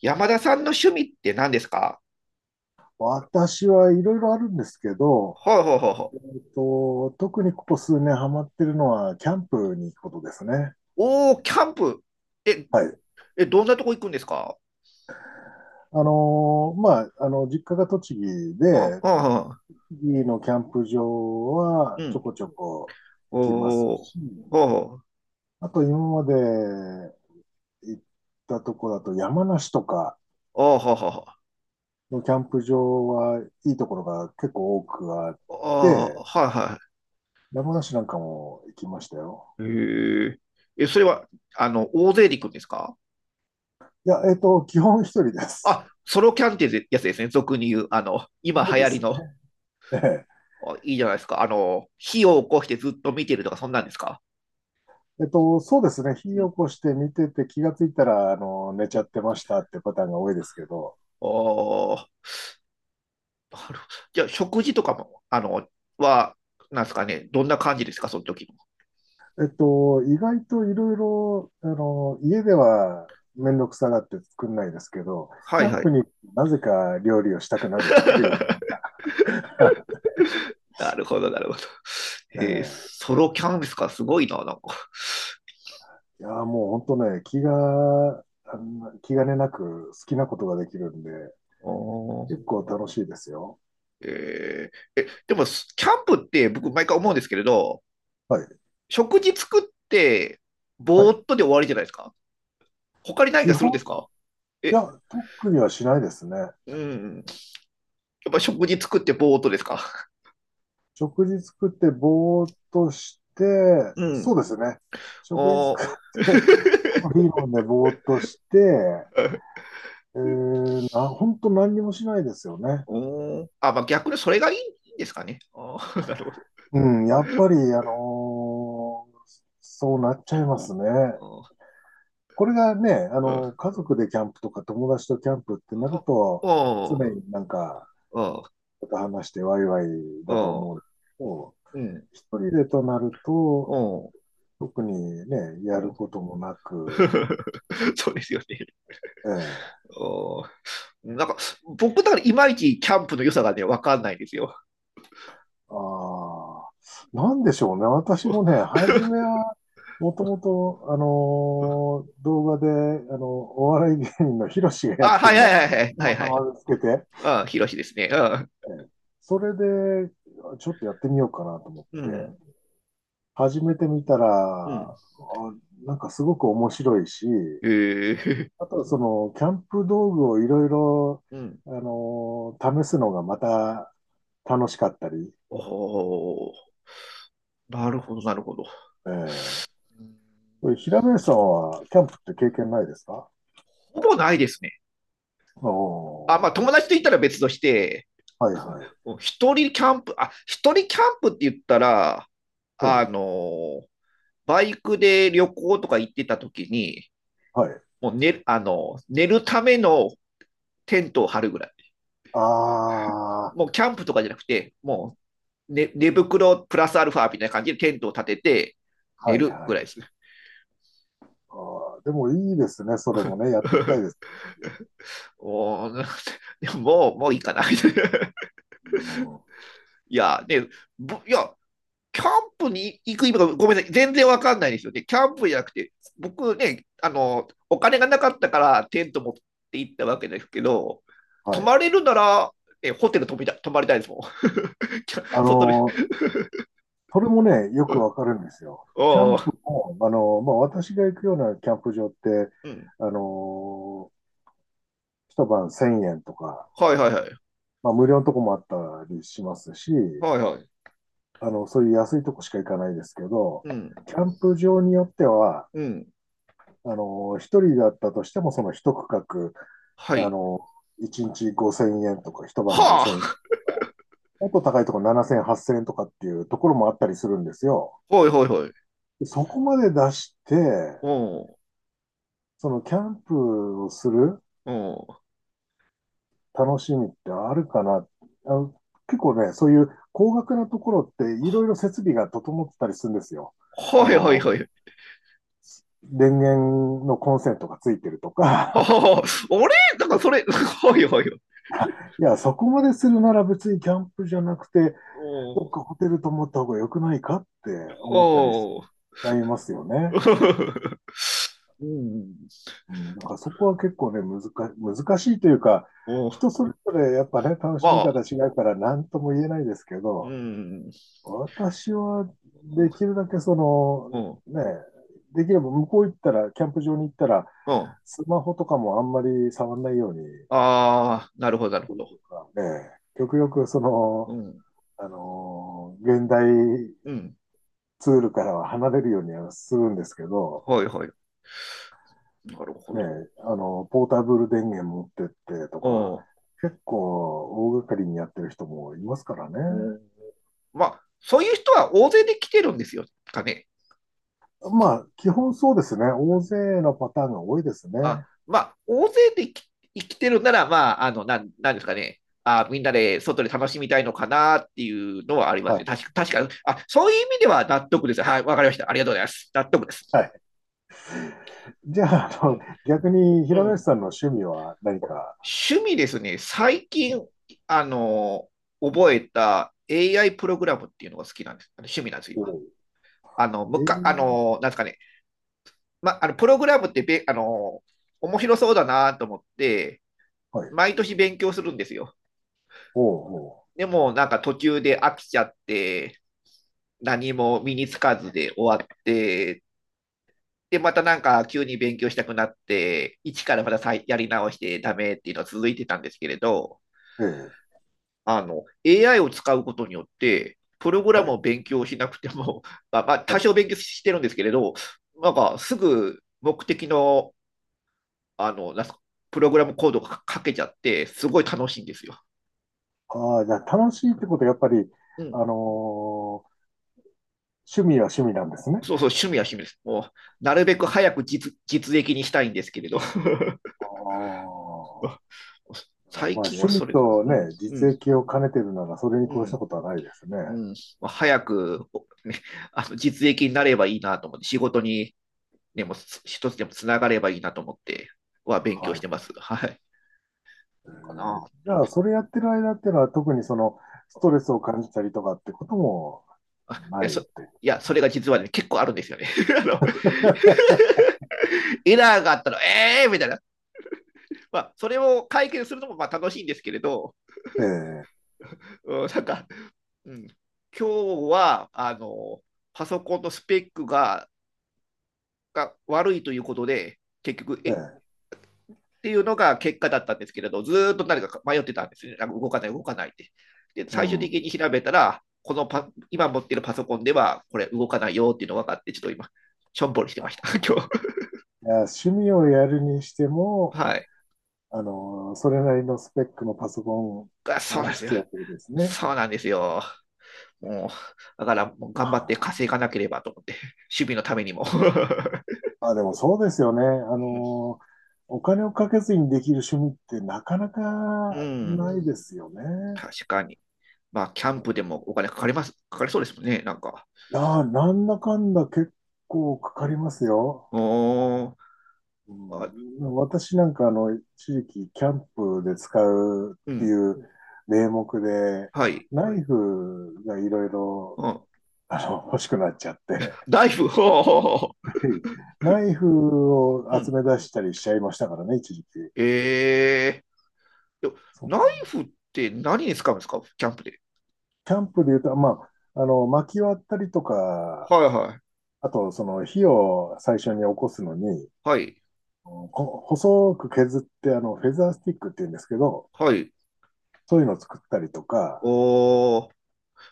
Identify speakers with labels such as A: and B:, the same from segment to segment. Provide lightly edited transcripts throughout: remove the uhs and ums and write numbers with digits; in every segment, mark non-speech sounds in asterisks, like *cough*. A: 山田さんの趣味って何ですか？
B: 私はいろいろあるんですけど、
A: はいはいはいは
B: え
A: い。
B: っ特にここ数年ハマってるのは、キャンプに行くことですね。
A: おー、キャンプ。え、
B: はい。
A: え、どんなとこ行くんですか？
B: まあ、実家が栃木
A: うん
B: で、
A: うんうん。
B: 栃木のキャンプ場は
A: う
B: ちょ
A: ん。
B: こちょこ行きます
A: おー、
B: し、
A: は
B: あと今まで行ったとこだと山梨とか
A: あ、はあ、ははは
B: のキャンプ場はいいところが結構多くあっ
A: あ、ー
B: て、
A: はいは
B: 山梨なんかも行きましたよ。
A: い。へえ。え、それは、大勢で行くんですか？
B: いや、基本一人です。
A: あ、ソロキャンってやつですね。俗に言う、今
B: そ
A: 流
B: うで
A: 行り
B: す。
A: の、
B: ええ
A: あいいじゃないですか。火を起こしてずっと見てるとか、そんなんですか？
B: そうですね。
A: う
B: 火
A: ん
B: を起こして見てて気がついたら、寝
A: う
B: ちゃっ
A: ん。
B: てましたってパターンが多いですけど、
A: あー、なるほど。じゃあ *laughs*、食事とかも、は、なんですかね、どんな感じですか、その時の。
B: 意外といろいろ、家ではめんどくさがって作んないですけど、
A: は
B: キ
A: い
B: ャ
A: は
B: ン
A: い。
B: プになぜか料理をしたくなるっていう。
A: *laughs*
B: *laughs*
A: なるほど、なるほど。えー
B: ええ、
A: ソロキャンプですか、すごいな、なんか。
B: いや、もう本当ね、気が、あの気兼ねなく好きなことができるんで、
A: おー
B: 結構楽しいですよ。
A: えーえ、でも、キャンプって僕、毎回思うんですけれど、
B: はい。
A: 食事作って、
B: は
A: ぼ
B: い。
A: ーっとで終わりじゃないですか。他に何
B: 基
A: かするんで
B: 本、
A: すか？
B: い
A: え、
B: や、特にはしないですね。
A: うん。やっぱ食事作ってぼーっとですか？
B: 食事作ってぼーっとして、
A: う
B: そ
A: ん。
B: うですね。食事
A: お
B: 作っ
A: ー
B: て、
A: *laughs*
B: コーヒー飲んでぼーっとして、本当何にもしないですよね。
A: おーあ、まあ、逆にそれがいいんですかね。あー *laughs* なるほど。
B: うん、やっぱり、ーそうなっちゃいますね。これがね、
A: うん。
B: 家族でキャンプとか友達とキャンプってなる
A: お
B: と、常
A: お
B: になんか、
A: おー
B: ちょっと話してワイワイだと
A: おー
B: 思うけど、
A: うん。
B: 一人でとなる
A: お
B: と、
A: ー
B: 特にね、や
A: う
B: る
A: ん。
B: こともなく、
A: *laughs* そうですよね。
B: ええ。
A: おーなんか、僕だからいまいちキャンプの良さがね、わかんないんですよ。
B: ああ。なんでしょうね。私もね、
A: *laughs*
B: 初めは、もともと、
A: うん。
B: 動画で、お笑い芸人のヒロシがやっ
A: あ、
B: て
A: はい
B: る
A: は
B: の
A: い
B: を
A: はいはい。
B: た
A: はい
B: ま
A: は
B: た
A: い。
B: ま見つけて、
A: あ、ヒロシですね。あ、
B: ええ、それで、ちょっとやってみようかなと思っ
A: う
B: て、
A: ん。
B: 始めてみた
A: う
B: ら、あ
A: ん。
B: なんかすごく面白いし、
A: ええ、
B: あとはその、キャンプ道具をいろいろ、
A: *laughs* うん。
B: 試すのがまた楽しかったり、
A: おお、なるほど、なるほど。
B: ええ、
A: うん。
B: これ平林さんはキャンプって経験ないですか？
A: ほぼないですね。あ、まあ
B: お
A: 友達と言ったら別として、
B: ー、はいはい。
A: *laughs* 一人キャンプ、あ、一人キャンプって言ったら、
B: え
A: あ
B: え、
A: の、バイクで旅行とか行ってた時に、
B: はい。
A: もう寝るためのテントを張るぐらい。
B: ああ、
A: もうキャンプとかじゃなくて、もう寝袋プラスアルファみたいな感じでテントを立てて寝
B: はい
A: る
B: は
A: ぐ
B: い。
A: らいですね。
B: あー、でもいいですね。それもね、やってみたいです。
A: *laughs* もう、*laughs* もういいかな。*laughs*
B: うん、
A: いや、ね、いや、キャンプに行く意味がごめんなさい、全然わかんないですよね。キャンプじゃなくて、僕ね、お金がなかったからテント持って行ったわけですけど、
B: は
A: 泊
B: い。
A: まれるなら、え、ホテル泊みた泊まりたいですもん。*laughs* キャ
B: あ
A: 外で。
B: のー、それもね、よ
A: う
B: く
A: ん。
B: わかるんですよ。キャ
A: あ
B: ンプ
A: あ、
B: も、まあ、私が行くようなキャンプ場って、
A: うん。
B: あのー、一晩1000円とか、
A: はいはいはい。
B: まあ、無料のとこもあったりしますし、
A: はいはい。
B: そういう安いとこしか行かないですけど、
A: うん。
B: キャンプ場によっては、
A: うん。
B: 一人だったとしても、その一区
A: は
B: 画、
A: い。
B: 一日5000円とか、一晩
A: は
B: 5000円とか、もっと高いところ7000円、8000円とかっていうところもあったりするんですよ。
A: あ。はいはいはい。
B: でそこまで出して、
A: うん。
B: そのキャンプをする
A: うん。
B: 楽しみってあるかな。あの、結構ね、そういう高額なところっていろいろ設備が整ってたりするんですよ。あ
A: はいはい
B: の、
A: はい。
B: 電源のコンセントがついてるとか、
A: はあ、あれなんかそれ、*laughs* はいはいはい。
B: *laughs* いや、そこまでするなら別にキャンプじゃなくて、
A: お
B: どっ
A: お。
B: かホテル泊まった方が良くないかって
A: お
B: 思ったりしち
A: お。
B: ゃいますよね。
A: うん。*laughs*
B: うん、だからそこは結構ね、難しいというか、
A: お、ま
B: 人それぞれやっぱね、楽しみ
A: あ、
B: 方違うから何とも言えないですけ
A: う
B: ど、
A: ん。
B: 私はできるだけその、
A: うん。
B: ね、できれば向こう行ったら、キャンプ場に行ったら、
A: うん。
B: スマホとかもあんまり触んないように、
A: ああ、なるほど、なるほど。
B: ね、極力そ
A: う
B: の、
A: ん。
B: 現代
A: うん。
B: ツールからは離れるようにはするんですけど、
A: はいはい。なるほ
B: ね、ポータブル電源持ってってとか、
A: ど。
B: 結構大掛かりにやってる人もいますからね。
A: うん。うん。まあ、そういう人は大勢で来てるんですよ、かね。
B: まあ、基本そうですね。大勢のパターンが多いです
A: あ、
B: ね。
A: まあ、大勢で生きてるなら、まあ、なんですかね。あ、みんなで外で楽しみたいのかなっていうのはありま
B: は
A: すね。
B: い。
A: 確かに。あ、そういう意味では納得です。はい、わかりました。ありがとうございます。納得で
B: は
A: す。
B: い。じゃあ、
A: うん。
B: 逆に、
A: う
B: 平林
A: ん。
B: さんの趣味は何か？
A: 趣味ですね、最近、あの、覚えた AI プログラムっていうのが好きなんです。あの趣味なんです、
B: お
A: 今。
B: う、
A: あの、
B: え
A: む
B: ー、
A: か、あの、なんですかね、ま、あの、プログラムってべ、あの、面白そうだなと思って、
B: はい。
A: 毎年勉強するんですよ。
B: おう、お
A: でも、なんか途中で飽きちゃって、何も身につかずで終わって、で、またなんか急に勉強したくなって、一からまた再やり直してダメっていうのは続いてたんですけれど、
B: う、ええ、
A: AI を使うことによって、プログラ
B: は
A: ム
B: い。
A: を勉強しなくても、*laughs* まあ、まあ、多
B: はい。
A: 少勉強してるんですけれど、なんかすぐ目的の、あの、なんすか、プログラムコードが書けちゃって、すごい楽しいんですよ。
B: ああ、じゃあ、楽しいってことは、やっぱり、
A: うん。
B: あのー趣味は趣味なんですね。
A: そうそう、趣味は趣味です。もう、なるべく早く実益にしたいんですけれど。*laughs*
B: ああ。まあ、
A: 最近
B: 趣
A: は
B: 味
A: それ、
B: と
A: うん、
B: ね、
A: うん、
B: 実益を兼ねてるなら、それに
A: う
B: 越した
A: ん、
B: ことはないですね。
A: うん。まあ早く、ね、あの実益になればいいなと思って、仕事にでもう一つでもつながればいいなと思っては勉強
B: は
A: し
B: い。
A: てます。はい。かな。
B: じゃあ、それやってる間っていうのは、特にその、ストレスを感じたりとかってことも
A: あ、あい
B: な
A: や、
B: い
A: そ、
B: と。
A: いや、それが実はね、結構あるんですよね。*laughs* あの、エラーがあったら、ええー、みたいな。まあ、それを解決するのもまあ楽しいんですけれど、
B: ええ、
A: うん、なんか、うん、今日は、パソコンのスペックが、悪いということで、結局、え、
B: ええ、
A: っていうのが結果だったんですけれど、ずっと誰か迷ってたんですね。なんか動かない、動かないって。で、
B: う
A: 最終的
B: ん。
A: に調べたら、このパ今持ってるパソコンでは、これ動かないよっていうのが分かって、ちょっと今、しょんぼりしてまし
B: あ
A: た、*laughs* 今日。
B: いや、趣味をやるにして
A: *laughs*
B: も、
A: はい。
B: それなりのスペックのパソコ
A: あ、
B: ン
A: そう
B: が
A: なんですよ。
B: 必要ということですね。
A: そうなんですよ。もう、だからもう頑張って
B: あ
A: 稼がなければと思って、守備のためにも。*laughs*
B: あ、でもそうですよね。の、お金をかけずにできる趣味ってなかなか
A: うん、うん。
B: ないですよね。
A: 確かに。まあ、キャンプでもお金かかります、かかりそうですもんね、なんか。
B: いやー、なんだかんだ結構か
A: う
B: かり
A: ん、
B: ますよ。
A: お
B: う
A: ーあ、
B: ん、私なんか一時期キャンプで使う
A: う
B: ってい
A: ん、
B: う名目で、
A: はい。
B: ナイフがいろいろ、
A: うん。
B: 欲しくなっちゃって、
A: ナイフ、ほうほうほ
B: *laughs* ナイフを
A: うん。う
B: 集
A: ん。
B: め出したりしちゃいましたからね、一時期。
A: ええ。で
B: そ
A: ナイ
B: う、
A: フって何に使うんですか？キャンプで。
B: キャンプで言うと、まあ、薪割ったりとか、
A: はいはい。
B: あと、その火を最初に起こすのに、
A: はい。
B: うんこ細く削って、フェザースティックって言うんですけど、
A: はい。
B: そういうのを作ったりとか、
A: おー、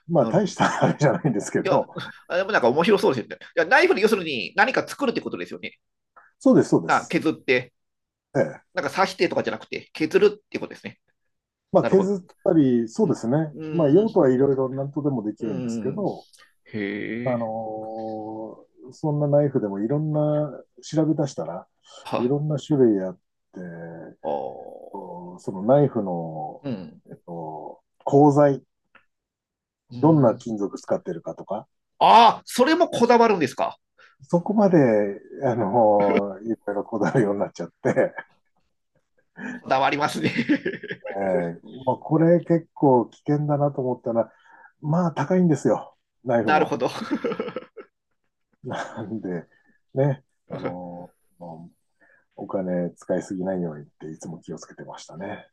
B: まあ
A: なる
B: 大
A: ほ
B: し
A: ど。
B: たあれじゃないんですけ
A: いや、
B: ど、
A: あでもなんか面白そうですよね。いや、ナイフで要するに何か作るってことですよね。
B: そうです、そうで
A: な
B: す。
A: 削って、
B: ええ。
A: なんか刺してとかじゃなくて、削るってことですね。
B: まあ
A: なるほ
B: 削
A: ど。
B: ったり、そ
A: う
B: うで
A: ん。
B: すね。
A: う
B: まあ
A: ーん。
B: 用途はいろいろ何とでもでき
A: うー
B: るんですけ
A: ん。
B: ど、
A: へ
B: あ
A: え。
B: のそんなナイフでもいろんな、調べ出したらい
A: は、
B: ろんな種類あって、
A: あー。
B: こうそのナイフの、
A: うん。
B: 鋼材、
A: う
B: どんな
A: ん。
B: 金属使ってるかとか、
A: ああ、それもこだわるんですか？
B: そこまで、いろいろこだわるようになっちゃって、
A: こだわりますね。
B: まあ、これ結構危険だなと思ったら、まあ高いんですよ、
A: *laughs*
B: ナイフ
A: なるほ
B: も。
A: ど。
B: *laughs* なんで、ね、お金使いすぎないようにっていつも気をつけてましたね。